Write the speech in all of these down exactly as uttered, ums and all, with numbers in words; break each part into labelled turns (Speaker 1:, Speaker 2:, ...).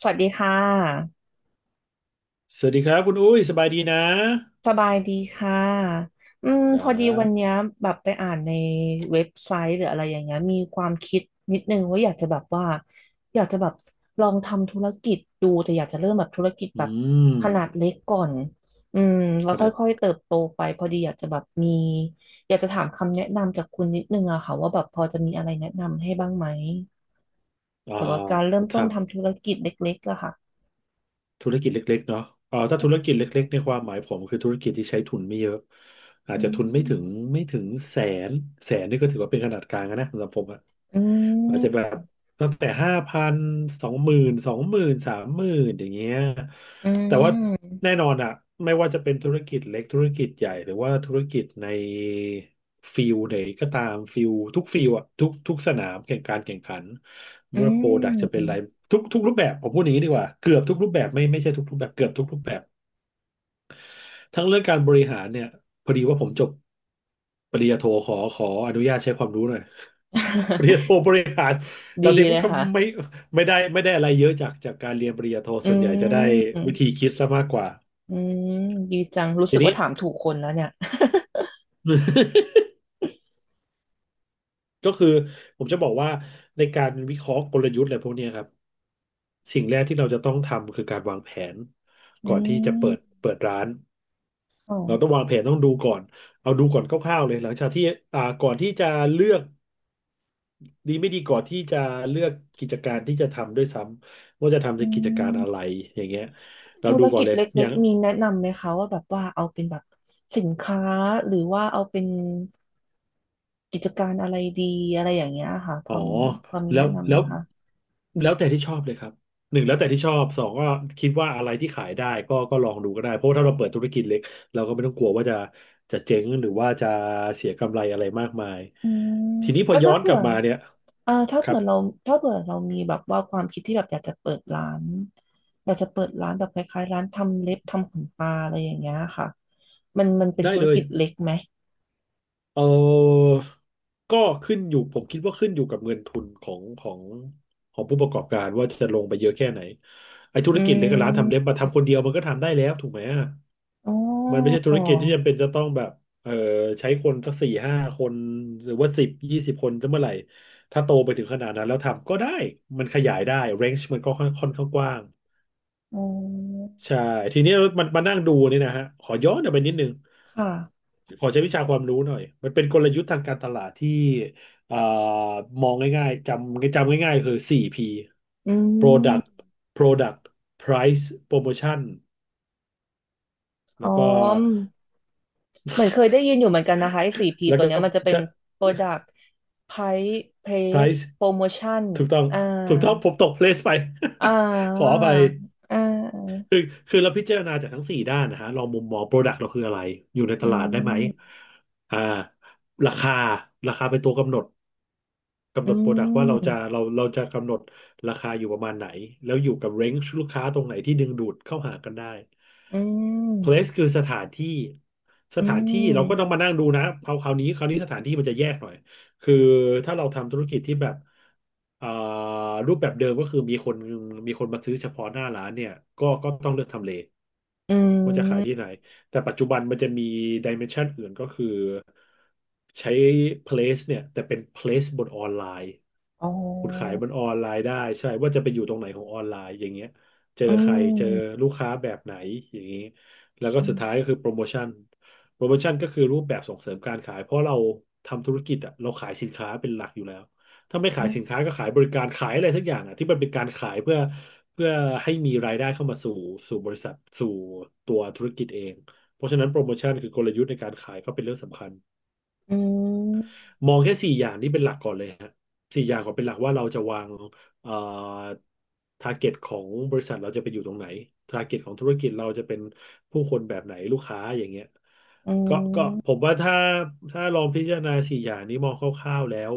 Speaker 1: สวัสดีค่ะ
Speaker 2: สวัสดีครับคุณอุ้ยสบายดีนะ
Speaker 1: สบายดีค่ะอืม
Speaker 2: ครั
Speaker 1: พอดีวันเนี้
Speaker 2: บ
Speaker 1: ยแบบไปอ่านในเว็บไซต์หรืออะไรอย่างเงี้ยมีความคิดนิดนึงว่าอยากจะแบบว่าอยากจะแบบลองทำธุรกิจดูแต่อยากจะเริ่มแบบธุรกิจ
Speaker 2: อื
Speaker 1: แบบ
Speaker 2: ม
Speaker 1: ขนาดเล็กก่อนอืมแล้
Speaker 2: ข
Speaker 1: ว
Speaker 2: นาด
Speaker 1: ค่อยๆเติบโตไปพอดีอยากจะแบบมีอยากจะถามคำแนะนำจากคุณนิดนึงอะค่ะว่าแบบพอจะมีอะไรแนะนำให้บ้างไหม
Speaker 2: อ่า
Speaker 1: เกี่ยวกับการเริ่ม
Speaker 2: ท
Speaker 1: ต้นทำธุรกิจเล็กๆอะค่ะ
Speaker 2: ำธุรกิจเล็กๆเนาะอ่าถ้าธุรกิจเล็กๆในความหมายผมคือธุรกิจที่ใช้ทุนไม่เยอะอาจ
Speaker 1: อื
Speaker 2: จะทุนไม่ถึง
Speaker 1: ม
Speaker 2: ไม่ถึงแสนแสนนี่ก็ถือว่าเป็นขนาดกลางแล้วนะสำหรับผม
Speaker 1: อื
Speaker 2: อาจจะแบ
Speaker 1: ม
Speaker 2: บตั้งแต่ห้าพันสองหมื่นสองหมื่นสามหมื่นอย่างเงี้ย
Speaker 1: อื
Speaker 2: แต่ว่า
Speaker 1: ม
Speaker 2: แน่นอนอะไม่ว่าจะเป็นธุรกิจเล็กธุรกิจใหญ่หรือว่าธุรกิจในฟิลไหนก็ตามฟิลทุกฟิลอะทุกทุกสนามแข่งการแข่งขัน
Speaker 1: อื
Speaker 2: เมื่อโปรดักจะเป็นอะไร
Speaker 1: ม
Speaker 2: ทุกทุกรูปแบบผมพูดอย่างนี้ดีกว่าเกือบทุกรูปแบบไม่ไม่ใช่ทุกรูปแบบเกือบทุกรูปแบบทั้งเรื่องการบริหารเนี่ยพอดีว่าผมจบปริญญาโทขอขออนุญาตใช้ความรู้หน่อย ปริญญาโทบ ริหารแต่
Speaker 1: ดี
Speaker 2: จริ
Speaker 1: เล
Speaker 2: ง
Speaker 1: ย
Speaker 2: ๆก็ไม่
Speaker 1: ค่ะ
Speaker 2: ไม่ได้ไม่ได้อะไรเยอะจากจากการเรียนปริญญาโท
Speaker 1: อื
Speaker 2: ส่วนใหญ่จะได้
Speaker 1: ม
Speaker 2: วิธีคิดซะมากกว่า
Speaker 1: อืม ดีจัง รู้
Speaker 2: ที
Speaker 1: สึก
Speaker 2: นี้
Speaker 1: ว่าถามถูกคนแล้วเนี่ย
Speaker 2: ก็คือผมจะบอกว่าในการวิเคราะห์กลยุทธ์อะไรพวกเนี้ยครับสิ่งแรกที่เราจะต้องทำคือการวางแผน
Speaker 1: อื
Speaker 2: ก่อนที่จะเปิด
Speaker 1: ม
Speaker 2: เปิดร้าน
Speaker 1: ค่ะ
Speaker 2: เราต้องวางแผนต้องดูก่อนเอาดูก่อนคร่าวๆเลยหลังจากที่อ่าก่อนที่จะเลือกดีไม่ดีก่อนที่จะเลือกกิจการที่จะทำด้วยซ้ำว่าจะทำใน
Speaker 1: อื
Speaker 2: กิจ
Speaker 1: ม
Speaker 2: การอะไรอย่างเงี้ยเรา
Speaker 1: ธุ
Speaker 2: ดู
Speaker 1: ร
Speaker 2: ก่อน
Speaker 1: กิจ
Speaker 2: เลย
Speaker 1: เล
Speaker 2: อ
Speaker 1: ็
Speaker 2: ย่า
Speaker 1: ก
Speaker 2: ง
Speaker 1: ๆ มีแนะนำไหมคะว่าแบบว่าเอาเป็นแบบสินค้าหรือว่าเอาเป็นกิจการอะไรดีอะไรอย่างเงี้ยค่ะพ
Speaker 2: อ๋อ
Speaker 1: อมีพอมี
Speaker 2: แล้
Speaker 1: แนะ
Speaker 2: ว
Speaker 1: นำ
Speaker 2: แล้
Speaker 1: ไหม
Speaker 2: ว
Speaker 1: คะ
Speaker 2: แล้วแต่ที่ชอบเลยครับหนึ่งแล้วแต่ที่ชอบสองก็คิดว่าอะไรที่ขายได้ก็ก็ลองดูก็ได้เพราะว่าถ้าเราเปิดธุรกิจเล็กเราก็ไม่ต้องกลัวว่าจะจะเจ๊งหรือว่าจะเสียกำไรอะไรมากมายทีนี้พอ
Speaker 1: แล้ว
Speaker 2: ย้อ
Speaker 1: ถ้า
Speaker 2: นก
Speaker 1: เผื่
Speaker 2: ลั
Speaker 1: อ
Speaker 2: บมาเนี่ย
Speaker 1: อ่าถ้า
Speaker 2: ครั
Speaker 1: เผื่
Speaker 2: บ
Speaker 1: อเราถ้าเผื่อเรามีแบบว่าความคิดที่แบบอยากจะเปิดร้าน อยากจะเปิดร้านแบบคล้ายๆร้านทำเล็บทำขนตาอะไรอย่างเงี้ยค่ะมันมันเป็น
Speaker 2: ได้
Speaker 1: ธุร
Speaker 2: เลย
Speaker 1: กิจเล็กไหม
Speaker 2: เออก็ขึ้นอยู่ผมคิดว่าขึ้นอยู่กับเงินทุนของของของผู้ประกอบการว่าจะลงไปเยอะแค่ไหนไอ้ธุร
Speaker 1: อื
Speaker 2: กิจเล็กกับร้านทำเล็บ
Speaker 1: ม
Speaker 2: มาทำคนเดียวมันก็ทำได้แล้วถูกไหมอะ
Speaker 1: อ๋
Speaker 2: มันไม่
Speaker 1: อ
Speaker 2: ใช่ธุรกิจที่จำเป็นจะต้องแบบเออใช้คนสักสี่ห้าคนหรือว่าสิบยี่สิบคนจะเมื่อไหร่ถ้าโตไปถึงขนาดนั้นแล้วทำก็ได้มันขยายได้เรนจ์มันก็ค่อนค่อนข้างกว้าง
Speaker 1: อ๋อ
Speaker 2: ใช่ทีนี้มันมานั่งดูนี่นะฮะขอย้อนกลับไปนิดนึง
Speaker 1: ค่ะ
Speaker 2: ขอใช้วิชาความรู้หน่อยมันเป็นกลยุทธ์ทางการตลาดที่เอ่อมองง่ายๆจำจำง่ายๆคือ โฟร์ พี
Speaker 1: อืม
Speaker 2: Product Product Price Promotion แล้
Speaker 1: อ๋อ
Speaker 2: วก็
Speaker 1: เหมือนเคยได้ยินอยู่เหมือนกันนะคะไอ้สี่พี
Speaker 2: แล้ว
Speaker 1: ตัว
Speaker 2: ก็
Speaker 1: เนี้ยมันจะเป็น Product Price Place
Speaker 2: price
Speaker 1: Promotion
Speaker 2: ถูกต้อง
Speaker 1: อ่า
Speaker 2: ถูกต้องผมตก place ไป
Speaker 1: อ่า
Speaker 2: ขออภัย
Speaker 1: อ่า
Speaker 2: คือคือเราพิจารณาจากทั้งสี่ด้านนะฮะลองมุมมอง Product เราคืออะไรอยู่ในต
Speaker 1: อื
Speaker 2: ลาดได้ไหม
Speaker 1: ม
Speaker 2: อ่าราคาราคาเป็นตัวกำหนด กำห
Speaker 1: อื
Speaker 2: นดโปรดักต์ว่าเราจะ
Speaker 1: ม
Speaker 2: เราเราจะกำหนดราคาอยู่ประมาณไหนแล้วอยู่กับเร้นจ์ลูกค้าตรงไหนที่ดึงดูดเข้าหากันได้
Speaker 1: อืม
Speaker 2: place คือสถานที่ส
Speaker 1: อื
Speaker 2: ถานที่
Speaker 1: ม
Speaker 2: เราก็ต้องมานั่งดูนะเอาคราวนี้คราวนี้สถานที่มันจะแยกหน่อยคือถ้าเราทำธุรกิจที่แบบเอ่อรูปแบบเดิมก็คือมีคนมีคนมาซื้อเฉพาะหน้าร้านเนี่ยก็ก็ต้องเลือกทำเล
Speaker 1: อื
Speaker 2: ว่าจะขายที่ไหน
Speaker 1: ม
Speaker 2: แต่ปัจจุบันมันจะมีดิเมนชันอื่นก็คือใช้ place เนี่ยแต่เป็น place บนออนไลน์
Speaker 1: อ๋อ
Speaker 2: คุณขายบนออนไลน์ได้ใช่ว่าจะไปอยู่ตรงไหนของออนไลน์อย่างเงี้ยเจอ
Speaker 1: อื
Speaker 2: ใครเจอ
Speaker 1: ม
Speaker 2: ลูกค้าแบบไหนอย่างนี้แล้วก็สุ
Speaker 1: อื
Speaker 2: ดท้ายก็
Speaker 1: ม
Speaker 2: คือโปรโมชั่นโปรโมชั่นก็คือรูปแบบส่งเสริมการขายเพราะเราทำธุรกิจอะเราขายสินค้าเป็นหลักอยู่แล้วถ้าไม่ขา
Speaker 1: อื
Speaker 2: ย
Speaker 1: ม
Speaker 2: สินค้าก็ขายบริการขายอะไรสักอย่างอะที่มันเป็นการขายเพื่อเพื่อให้มีรายได้เข้ามาสู่สู่บริษัทสู่ตัวธุรกิจเอง เพราะฉะนั้นโปรโมชั่นคือกลยุทธ์ในการขายก็เป็นเรื่องสำคัญ
Speaker 1: อืม
Speaker 2: มองแค่สี่อย่างนี้เป็นหลักก่อนเลยฮะสี่อย่างก่อนเป็นหลักว่าเราจะวางเอ่อทาร์เกตของบริษัทเราจะไปอยู่ตรงไหนท a ร์เก็ตของธุรกิจเราจะเป็นผู้คนแบบไหนลูกค้าอย่างเงี้ย
Speaker 1: อื
Speaker 2: ก็ก็ผ
Speaker 1: ม
Speaker 2: มว่าถ้าถ้าลองพิจารณาสี่อย่างนี้มองคร่าวๆแล้ว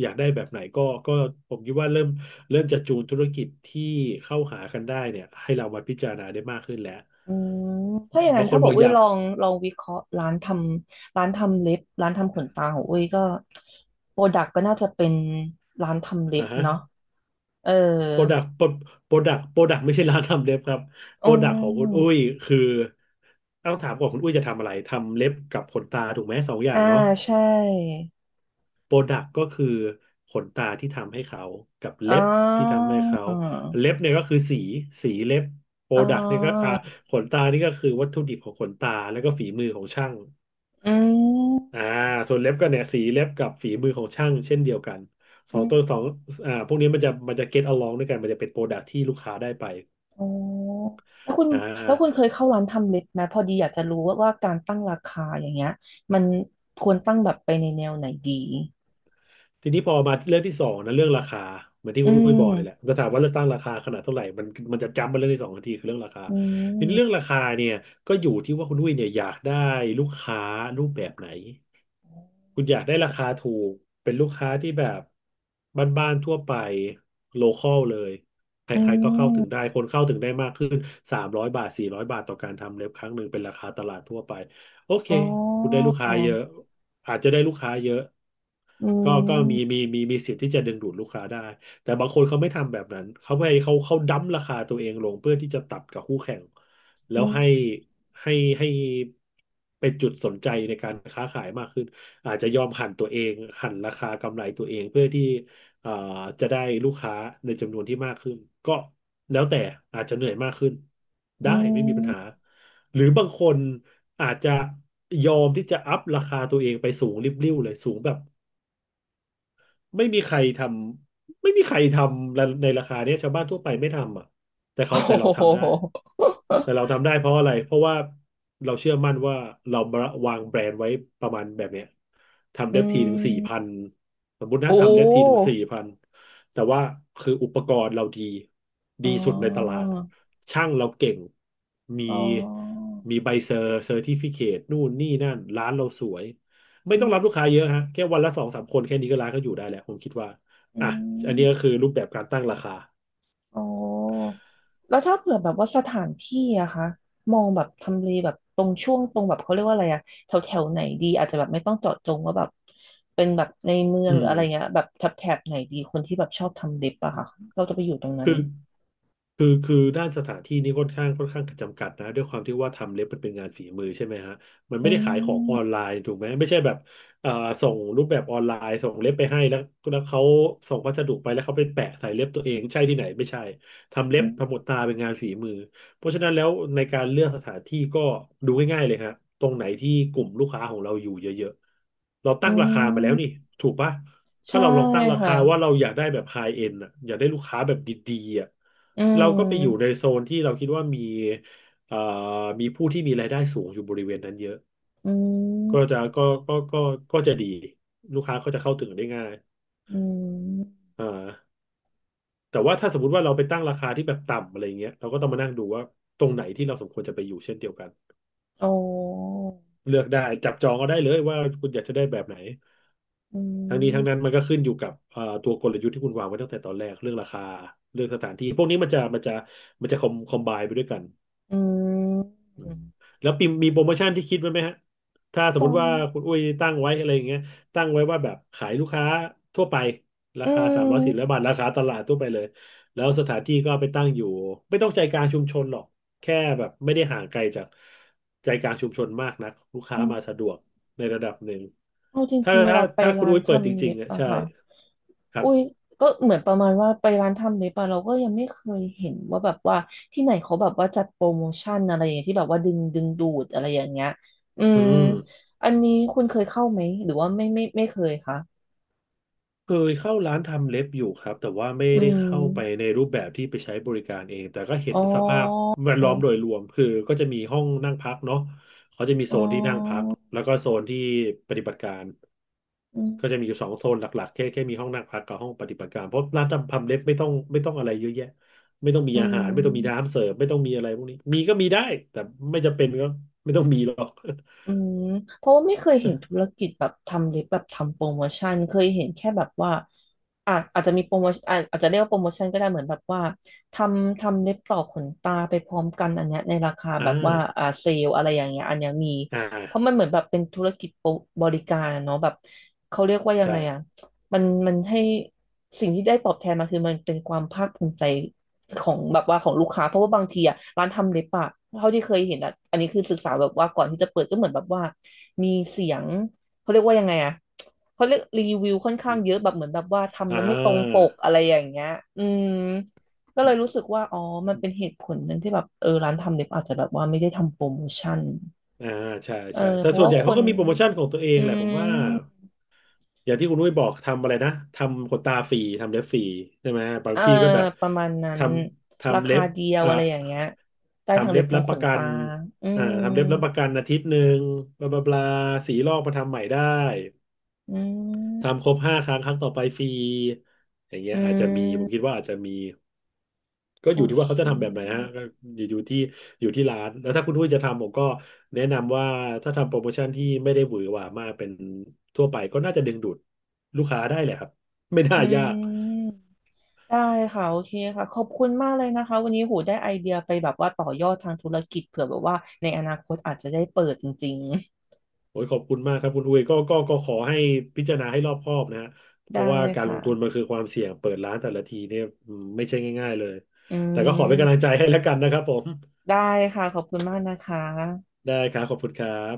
Speaker 2: อยากได้แบบไหนก็ก็ผมคิดว่าเริ่มเริ่มจะจูนธุรกิจที่เข้าหากันได้เนี่ยให้เรามาพิจารณาได้มากขึ้นแล้ว
Speaker 1: อืมถ้าอย่าง
Speaker 2: บา
Speaker 1: นั้
Speaker 2: ง
Speaker 1: น
Speaker 2: คน
Speaker 1: ถ้าบ
Speaker 2: บ
Speaker 1: อก
Speaker 2: อกอ
Speaker 1: อุ้ย
Speaker 2: ยาก
Speaker 1: ลองลองวิเคราะห์ร้านทำร้านทำเล็บร้านทำขนตาของอุ้ยก็โปรดักก็น่าจะเป็นร้านทำเล็
Speaker 2: อ่า
Speaker 1: บ
Speaker 2: ฮะ
Speaker 1: เนาะเออ
Speaker 2: โปรดักโปรดักโปรดักไม่ใช่ร้านทำเล็บครับโป
Speaker 1: อื
Speaker 2: รดักของคุณอุ้ย
Speaker 1: ม
Speaker 2: คือต้องถามก่อนคุณอุ้ยจะทำอะไรทำเล็บกับขนตาถูกไหมสองอย่า
Speaker 1: อ่า
Speaker 2: งเนาะ
Speaker 1: ใช่
Speaker 2: โปรดักก็คือขนตาที่ทำให้เขากับ
Speaker 1: อ๋อ
Speaker 2: เล็บที่ทำให้เขาเล็บเนี่ยก็คือสีสีเล็บโปร
Speaker 1: อ๋อ
Speaker 2: ดักนี่ก็อ่าขนตานี่ก็คือวัตถุดิบของขนตาแล้วก็ฝีมือของช่าง
Speaker 1: อืม
Speaker 2: อ่าส่วนเล็บก็เนี่ยสีเล็บกับฝีมือของช่างเช่นเดียวกันสอ
Speaker 1: อื
Speaker 2: งตัวสอ
Speaker 1: ม
Speaker 2: งอ่าพวกนี้มันจะมันจะ get along ด้วยกันมันจะเป็นโปรดักที่ลูกค้าได้ไป
Speaker 1: อ๋อแล้วคุณ
Speaker 2: อ่า
Speaker 1: แล้วคุณเคยเข้าร้านทำเล็บไหมพอดีอยากจะรู้ว่าว่าการตั้งราคาอย่างเงี้ยมันควรตั้งแบบไปในแนวไหนดี
Speaker 2: ทีนี้พอมาเรื่องที่สองนะเรื่องราคาเหมือนที่
Speaker 1: อื
Speaker 2: คุณรุ้ยบอกเลยแหละ
Speaker 1: ม
Speaker 2: จะถามว่าเลือกตั้งราคาขนาดเท่าไหร่มันมันจะจำมาเรื่องที่สองทันทีคือเรื่องราคาทีนี้เรื่องราคาเนี่ยก็อยู่ที่ว่าคุณอุ้ยเนี่ยอยากได้ลูกค้ารูปแบบไหนคุณอยากได้ราคาถูกเป็นลูกค้าที่แบบบ้านๆทั่วไปโลคอลเลยใค
Speaker 1: อื
Speaker 2: รๆก็เข้าถึง
Speaker 1: ม
Speaker 2: ได้คนเข้าถึงได้มากขึ้นสามร้อยบาทสี่ร้อยบาทต่อการทำเล็บครั้งหนึ่งเป็นราคาตลาดทั่วไปโอเค
Speaker 1: อ๋อ
Speaker 2: คุณได้ลูกค้าเยอะ อาจจะได้ลูกค้าเยอะ
Speaker 1: อื
Speaker 2: ก็ก็มีมี
Speaker 1: ม
Speaker 2: มีมีสิทธิ์ที่จะดึงดูดลูกค้าได้แต่บางคนเขาไม่ทำแบบนั้นเขาไปเขาเขาดั้มราคาตัวเองลงเพื่อที่จะตัดกับคู่แข่งแล้
Speaker 1: อื
Speaker 2: ว
Speaker 1: ม
Speaker 2: ให้ให้ให้เป็นจุดสนใจในการค้าขายมากขึ้นอาจจะยอมหั่นตัวเองหั่นราคากำไรตัวเองเพื่อที่เอ่อจะได้ลูกค้าในจำนวนที่มากขึ้นก็แล้วแต่อาจจะเหนื่อยมากขึ้นได้
Speaker 1: อื
Speaker 2: ไม่มีปั
Speaker 1: ม
Speaker 2: ญหา หรือบางคนอาจจะยอมที่จะอัพราคาตัวเองไปสูงริบลิ่วเลยสูงแบบ ไม่มีใครทำไม่มีใครทำในราคาเนี้ยชาวบ้านทั่วไปไม่ทำอ่ะแต่
Speaker 1: โอ้
Speaker 2: เขาแต่เรา
Speaker 1: โห
Speaker 2: ทำได้แต่เราทำได้เพราะอะไรเพราะว่าเราเชื่อมั่นว่าเราวางแบรนด์ไว้ประมาณแบบเนี้ยทำ
Speaker 1: อื
Speaker 2: เล็บทีถึงสี่พัน
Speaker 1: ม
Speaker 2: สมมตินะ
Speaker 1: โอ้
Speaker 2: ทำเล็บทีถึงสี่พันแต่ว่าคืออุปกรณ์เราดี
Speaker 1: อ๋
Speaker 2: ดี
Speaker 1: อ
Speaker 2: สุดในตลาดช่างเราเก่งมี
Speaker 1: อ๋อ
Speaker 2: มีใบเซอร์เซอร์ติฟิเคตนู่นนี่นั่นร้านเราสวย ไม่
Speaker 1: อื
Speaker 2: ต้องรับลูกค้า
Speaker 1: ม
Speaker 2: เยอะฮะแค่วันละสองสามคนแค่นี้ก็ร้านก็อยู่ได้แหละผมคิดว่า
Speaker 1: อื
Speaker 2: อ่ะอันนี้
Speaker 1: ม
Speaker 2: ก็คือรูปแบบการตั้งราคา
Speaker 1: อ๋อแล้วถ้าเผื่อแบบว่าสถานที่อะคะมองแบบทำเลแบบตรงช่วงตรงแบบเขาเรียกว่าอะไรอะแถวแถวไหนดีอาจจะแบบไม่ต้องเจาะจงว่าแบบเป็นแบบในเมือ
Speaker 2: อื
Speaker 1: งหรื
Speaker 2: ม
Speaker 1: ออะไรเงี้ยแบบแถบแถบไหนดีคนที่แบบชอบทำเล็บอะค่ะเราจะไปอยู่ตรงนั้น
Speaker 2: คือ คือคือด้านสถานที่นี่ค่อนข้างค่อนข้างจำกัดนะด้วยความที่ว่าทำเล็บมันเป็นงานฝีมือใช่ไหมฮะมัน
Speaker 1: อื
Speaker 2: ไม่ได้ขาย
Speaker 1: ม
Speaker 2: ของออนไลน์ถูกไหมไม่ใช่แบบเอ่อส่งรูปแบบออนไลน์ส่งเล็บไปให้แล้วแล้วเขาส่งพัสดุไปแล้วเขาไปแปะใส่เล็บตัวเองใช่ที่ไหนไม่ใช่ทำเล็บทำหมดตาเป็นงานฝีมือเพราะฉะนั้นแล้วในการเลือกสถานที่ก็ดูง่ายๆเลยฮะตรงไหนที่กลุ่มลูกค้าของเราอยู่เยอะๆเรา
Speaker 1: อื
Speaker 2: ตั้งราคามาแล้ว
Speaker 1: ม
Speaker 2: นี่ถูกปะ ถ้า
Speaker 1: ใช่
Speaker 2: เราลองตั้งรา
Speaker 1: ค่ะ
Speaker 2: คาว่าเราอยากได้แบบไฮเอ็นอ่ะอยากได้ลูกค้าแบบดีๆอ่ะ
Speaker 1: อื
Speaker 2: เราก็ไปอยู่ใน
Speaker 1: ม
Speaker 2: โซนที่เราคิดว่ามีเอ่อมีผู้ที่มีรายได้สูงอยู่บริเวณนั้นเยอะ
Speaker 1: อื
Speaker 2: ก็จะ
Speaker 1: ม
Speaker 2: ก็ก็ก็ก็จะดีลูกค้าก็จะเข้าถึงได้ง่าย
Speaker 1: อืม
Speaker 2: อ่าแต่ว่าถ้าสมมติว่าเราไปตั้งราคาที่แบบต่ำอะไรเงี้ยเราก็ต้องมานั่งดูว่าตรงไหนที่เราสมควรจะไปอยู่เช่นเดียวกัน
Speaker 1: โอ้
Speaker 2: เลือกได้จับจองก็ได้เลยว่าคุณอยากจะได้แบบไหน
Speaker 1: อื
Speaker 2: ทั้งนี้ทั้
Speaker 1: ม
Speaker 2: งนั้นมันก็ขึ้นอยู่กับเอ่อตัวกลยุทธ์ที่คุณวางไว้ตั้งแต่ตอนแรกเรื่องราคาเรื่องสถานที่พวกนี้มันจะมันจะมันจะคอมคอมไบไปด้วยกัน
Speaker 1: อืม
Speaker 2: แล้วปีมีโปรโมชั่นที่คิดไว้ไหมฮะถ้าส
Speaker 1: ต
Speaker 2: ม
Speaker 1: อ
Speaker 2: มติ
Speaker 1: น
Speaker 2: ว่าคุณอุ้ยตั้งไว้อะไรอย่างเงี้ยตั้งไว้ว่าแบบขายลูกค้าทั่วไปรา
Speaker 1: อื
Speaker 2: คาสามร้อยสี่ร้อย
Speaker 1: ม
Speaker 2: บาทราคาตลาดทั่วไปเลยแล้วสถานที่ก็ไปตั้งอยู่ไม่ต้องใจกลางชุมชนหรอกแค่แบบไม่ได้ห่างไกลจากใจกลางชุมชนมากนักลูกค้า
Speaker 1: อืม
Speaker 2: มาสะดวกในระดับหนึ่ง
Speaker 1: เอาจ
Speaker 2: ถ้า
Speaker 1: ริงๆเว
Speaker 2: ถ้า
Speaker 1: ลาไป
Speaker 2: ถ้าคุณ
Speaker 1: ร้าน
Speaker 2: อุ้ยเปิดจ
Speaker 1: ทำ
Speaker 2: ริง
Speaker 1: เล็บ
Speaker 2: ๆอ่ะ
Speaker 1: อะ
Speaker 2: ใช่
Speaker 1: ค่ะ
Speaker 2: ครั
Speaker 1: อุ้ย
Speaker 2: บ
Speaker 1: ก็เหมือนประมาณว่าไปร้านทำเล็บอะเราก็ยังไม่เคยเห็นว่าแบบว่าที่ไหนเขาแบบว่าจัดโปรโมชั่นอะไรอย่างเงี้ยที่แบบว่าดึงดึงดูดอะไรอย่างเงี้ย อื
Speaker 2: อื
Speaker 1: ม
Speaker 2: ม
Speaker 1: อันนี้คุณเคยเข้าไหมหรือว่าไม่ไม่ไม่เคยคะ
Speaker 2: เคยเข้าร้านทำเล็บอยู่ครับแต่ว่าไม่
Speaker 1: อื
Speaker 2: ได้
Speaker 1: ม
Speaker 2: เข้าไปในรูปแบบที่ไปใช้บริการเองแต่ก็เห็
Speaker 1: อ๋
Speaker 2: นสภาพ
Speaker 1: อ
Speaker 2: แวดล้อมโดยรวมคือก็จะมีห้องนั่งพักเนาะเขาจะมีโซ
Speaker 1: อ๋
Speaker 2: นที่นั่งพัก
Speaker 1: อ
Speaker 2: แล้วก็โซนที่ปฏิบัติการ
Speaker 1: อืม
Speaker 2: ก็จะมีอยู่สองโซนหลักๆแค่แค่มีห้องนั่งพักกับห้องปฏิบัติการเพราะร้านทำทำเล็บไม่ต้องไม่ต้องอะไรเยอะแยะไม่ต้องมี
Speaker 1: อื
Speaker 2: อาหารไม่ต้องมี
Speaker 1: ม
Speaker 2: น้ำเสิร์ฟไม่ต้องมีอะไรพวกนี้มีก็มีได้แต่ไม่จำเป็นก็ไม่ต้องมีหรอก
Speaker 1: อืมเพราะว่าไม่เคย
Speaker 2: ใช่
Speaker 1: เห็นธุรกิจแบบทำเล็บแบบทำโปรโมชั่นเคยเห็นแค่แบบว่าอ่ะอาจจะมีโปรโมชั่นอะอาจจะเรียกว่าโปรโมชั่นก็ได้เหมือนแบบว่าทำทำเล็บต่อขนตาไปพร้อมกันอันเนี้ยในราคา
Speaker 2: อ่า
Speaker 1: แบบว่าอ่าเซลอะไรอย่างเงี้ยอันเนี้ยมี
Speaker 2: อ่า
Speaker 1: เพราะมันเหมือนแบบเป็นธุรกิจโปรบริการอะเนาะแบบเขาเรียกว่ายังไง
Speaker 2: ใช่
Speaker 1: อ่ะมันมันให้สิ่งที่ได้ตอบแทนมาคือมันเป็นความภาคภูมิใจ ของแบบว่าของลูกค้าเพราะว่าบางทีอะร้านทำเล็บอะเท่าที่เคยเห็นอะอันนี้คือศึกษาแบบว่าก่อนที่จะเปิดก็เหมือนแบบว่ามีเสียงเขาเรียกว่ายังไงอะเขาเรียกรีวิวค่อนข้างเยอะแบบเหมือนแบบว่าทำ
Speaker 2: อ่
Speaker 1: แล้วไม่ตรงป
Speaker 2: า
Speaker 1: กอะไรอย่างเงี้ยอืมก็เลยรู้สึกว่าอ๋อมันเป็นเหตุผลหนึงที่แบบเออร้านทำเล็บอาจจะแบบว่าไม่ได้ทำโปรโมชั่น
Speaker 2: อ่าใช่
Speaker 1: เออ
Speaker 2: ใช่แต่
Speaker 1: เพราะ
Speaker 2: ส่วน
Speaker 1: ว่า
Speaker 2: ใหญ่
Speaker 1: ค
Speaker 2: เขาก็
Speaker 1: น
Speaker 2: มีโปรโมชั่นของตัวเอง
Speaker 1: อื
Speaker 2: แหละผมว่า
Speaker 1: ม
Speaker 2: อย่างที่คุณนุ้ยบอกทำอะไรนะทำขนตาฟรีทำเล็บฟรีใช่ไหมบา
Speaker 1: เอ
Speaker 2: ง
Speaker 1: อ
Speaker 2: ที่ก็แบบ
Speaker 1: ประมาณนั้
Speaker 2: ท
Speaker 1: น
Speaker 2: ำ
Speaker 1: รา
Speaker 2: ทำเล็
Speaker 1: คา
Speaker 2: บ
Speaker 1: เดียว
Speaker 2: อ่า
Speaker 1: อะไรอย่างเงี้ยได้ทั้
Speaker 2: ทำ
Speaker 1: ง
Speaker 2: เล็
Speaker 1: เล็
Speaker 2: บ
Speaker 1: บทั้
Speaker 2: รับ
Speaker 1: ง
Speaker 2: ป
Speaker 1: ข
Speaker 2: ระ
Speaker 1: น
Speaker 2: กั
Speaker 1: ตา
Speaker 2: น
Speaker 1: อื
Speaker 2: อ่า
Speaker 1: ม
Speaker 2: ทำเล็บรับประกันอาทิตย์หนึ่งบลาบลาบลาสีลอกมาทำใหม่ได้
Speaker 1: อื
Speaker 2: ทำครบ
Speaker 1: ม
Speaker 2: ห้าครั้งครั้งต่อไปฟรีอย่างเงี้ย
Speaker 1: อื
Speaker 2: อาจจะมีผมคิด
Speaker 1: ม
Speaker 2: ว่าอาจจะมี ก็อ
Speaker 1: โอ
Speaker 2: ยู่ที่
Speaker 1: เค
Speaker 2: ว่าเขาจะทำแบบไหนฮะก็อยู่อยู่ที่อยู่ที่ร้านแล้วถ้าคุณอุ้ยจะทำผมก็แนะนำว่าถ้าทำโปรโมชั่นที่ไม่ได้หวือหวามากเป็นทั่วไปก็น่าจะดึงดูดลูกค้าได้แหละครับ ไม่น่า
Speaker 1: อื
Speaker 2: ยาก
Speaker 1: มได้ค่ะ โอเคค่ะขอบคุณมากเลยนะคะ วันนี้หูได้ไอเดียไปแบบว่าต่อยอดทางธุรกิจเผื่อแบบว่าในอนาคตอาจจะได้เปิดจริง
Speaker 2: โอ้ยขอบคุณมากครับคุณอุ้ยก็ก็ก็ขอให้พิจารณาให้รอบคอบนะฮะ
Speaker 1: ๆ
Speaker 2: เพ
Speaker 1: ได้
Speaker 2: ราะว่าการลงทุนมั
Speaker 1: ค่ะ
Speaker 2: นคือความเสี่ยงเปิดร้านแต่ละทีเนี่ยอืมไม่ใช่ง่ายๆเลย
Speaker 1: อื
Speaker 2: แต่ก็ขอเป็นกำลังใจ
Speaker 1: ม
Speaker 2: ให้แล้วกันนะครับผม
Speaker 1: ได้ค่ะขอบคุณมากนะคะ
Speaker 2: ได้ครับขอบคุณครับ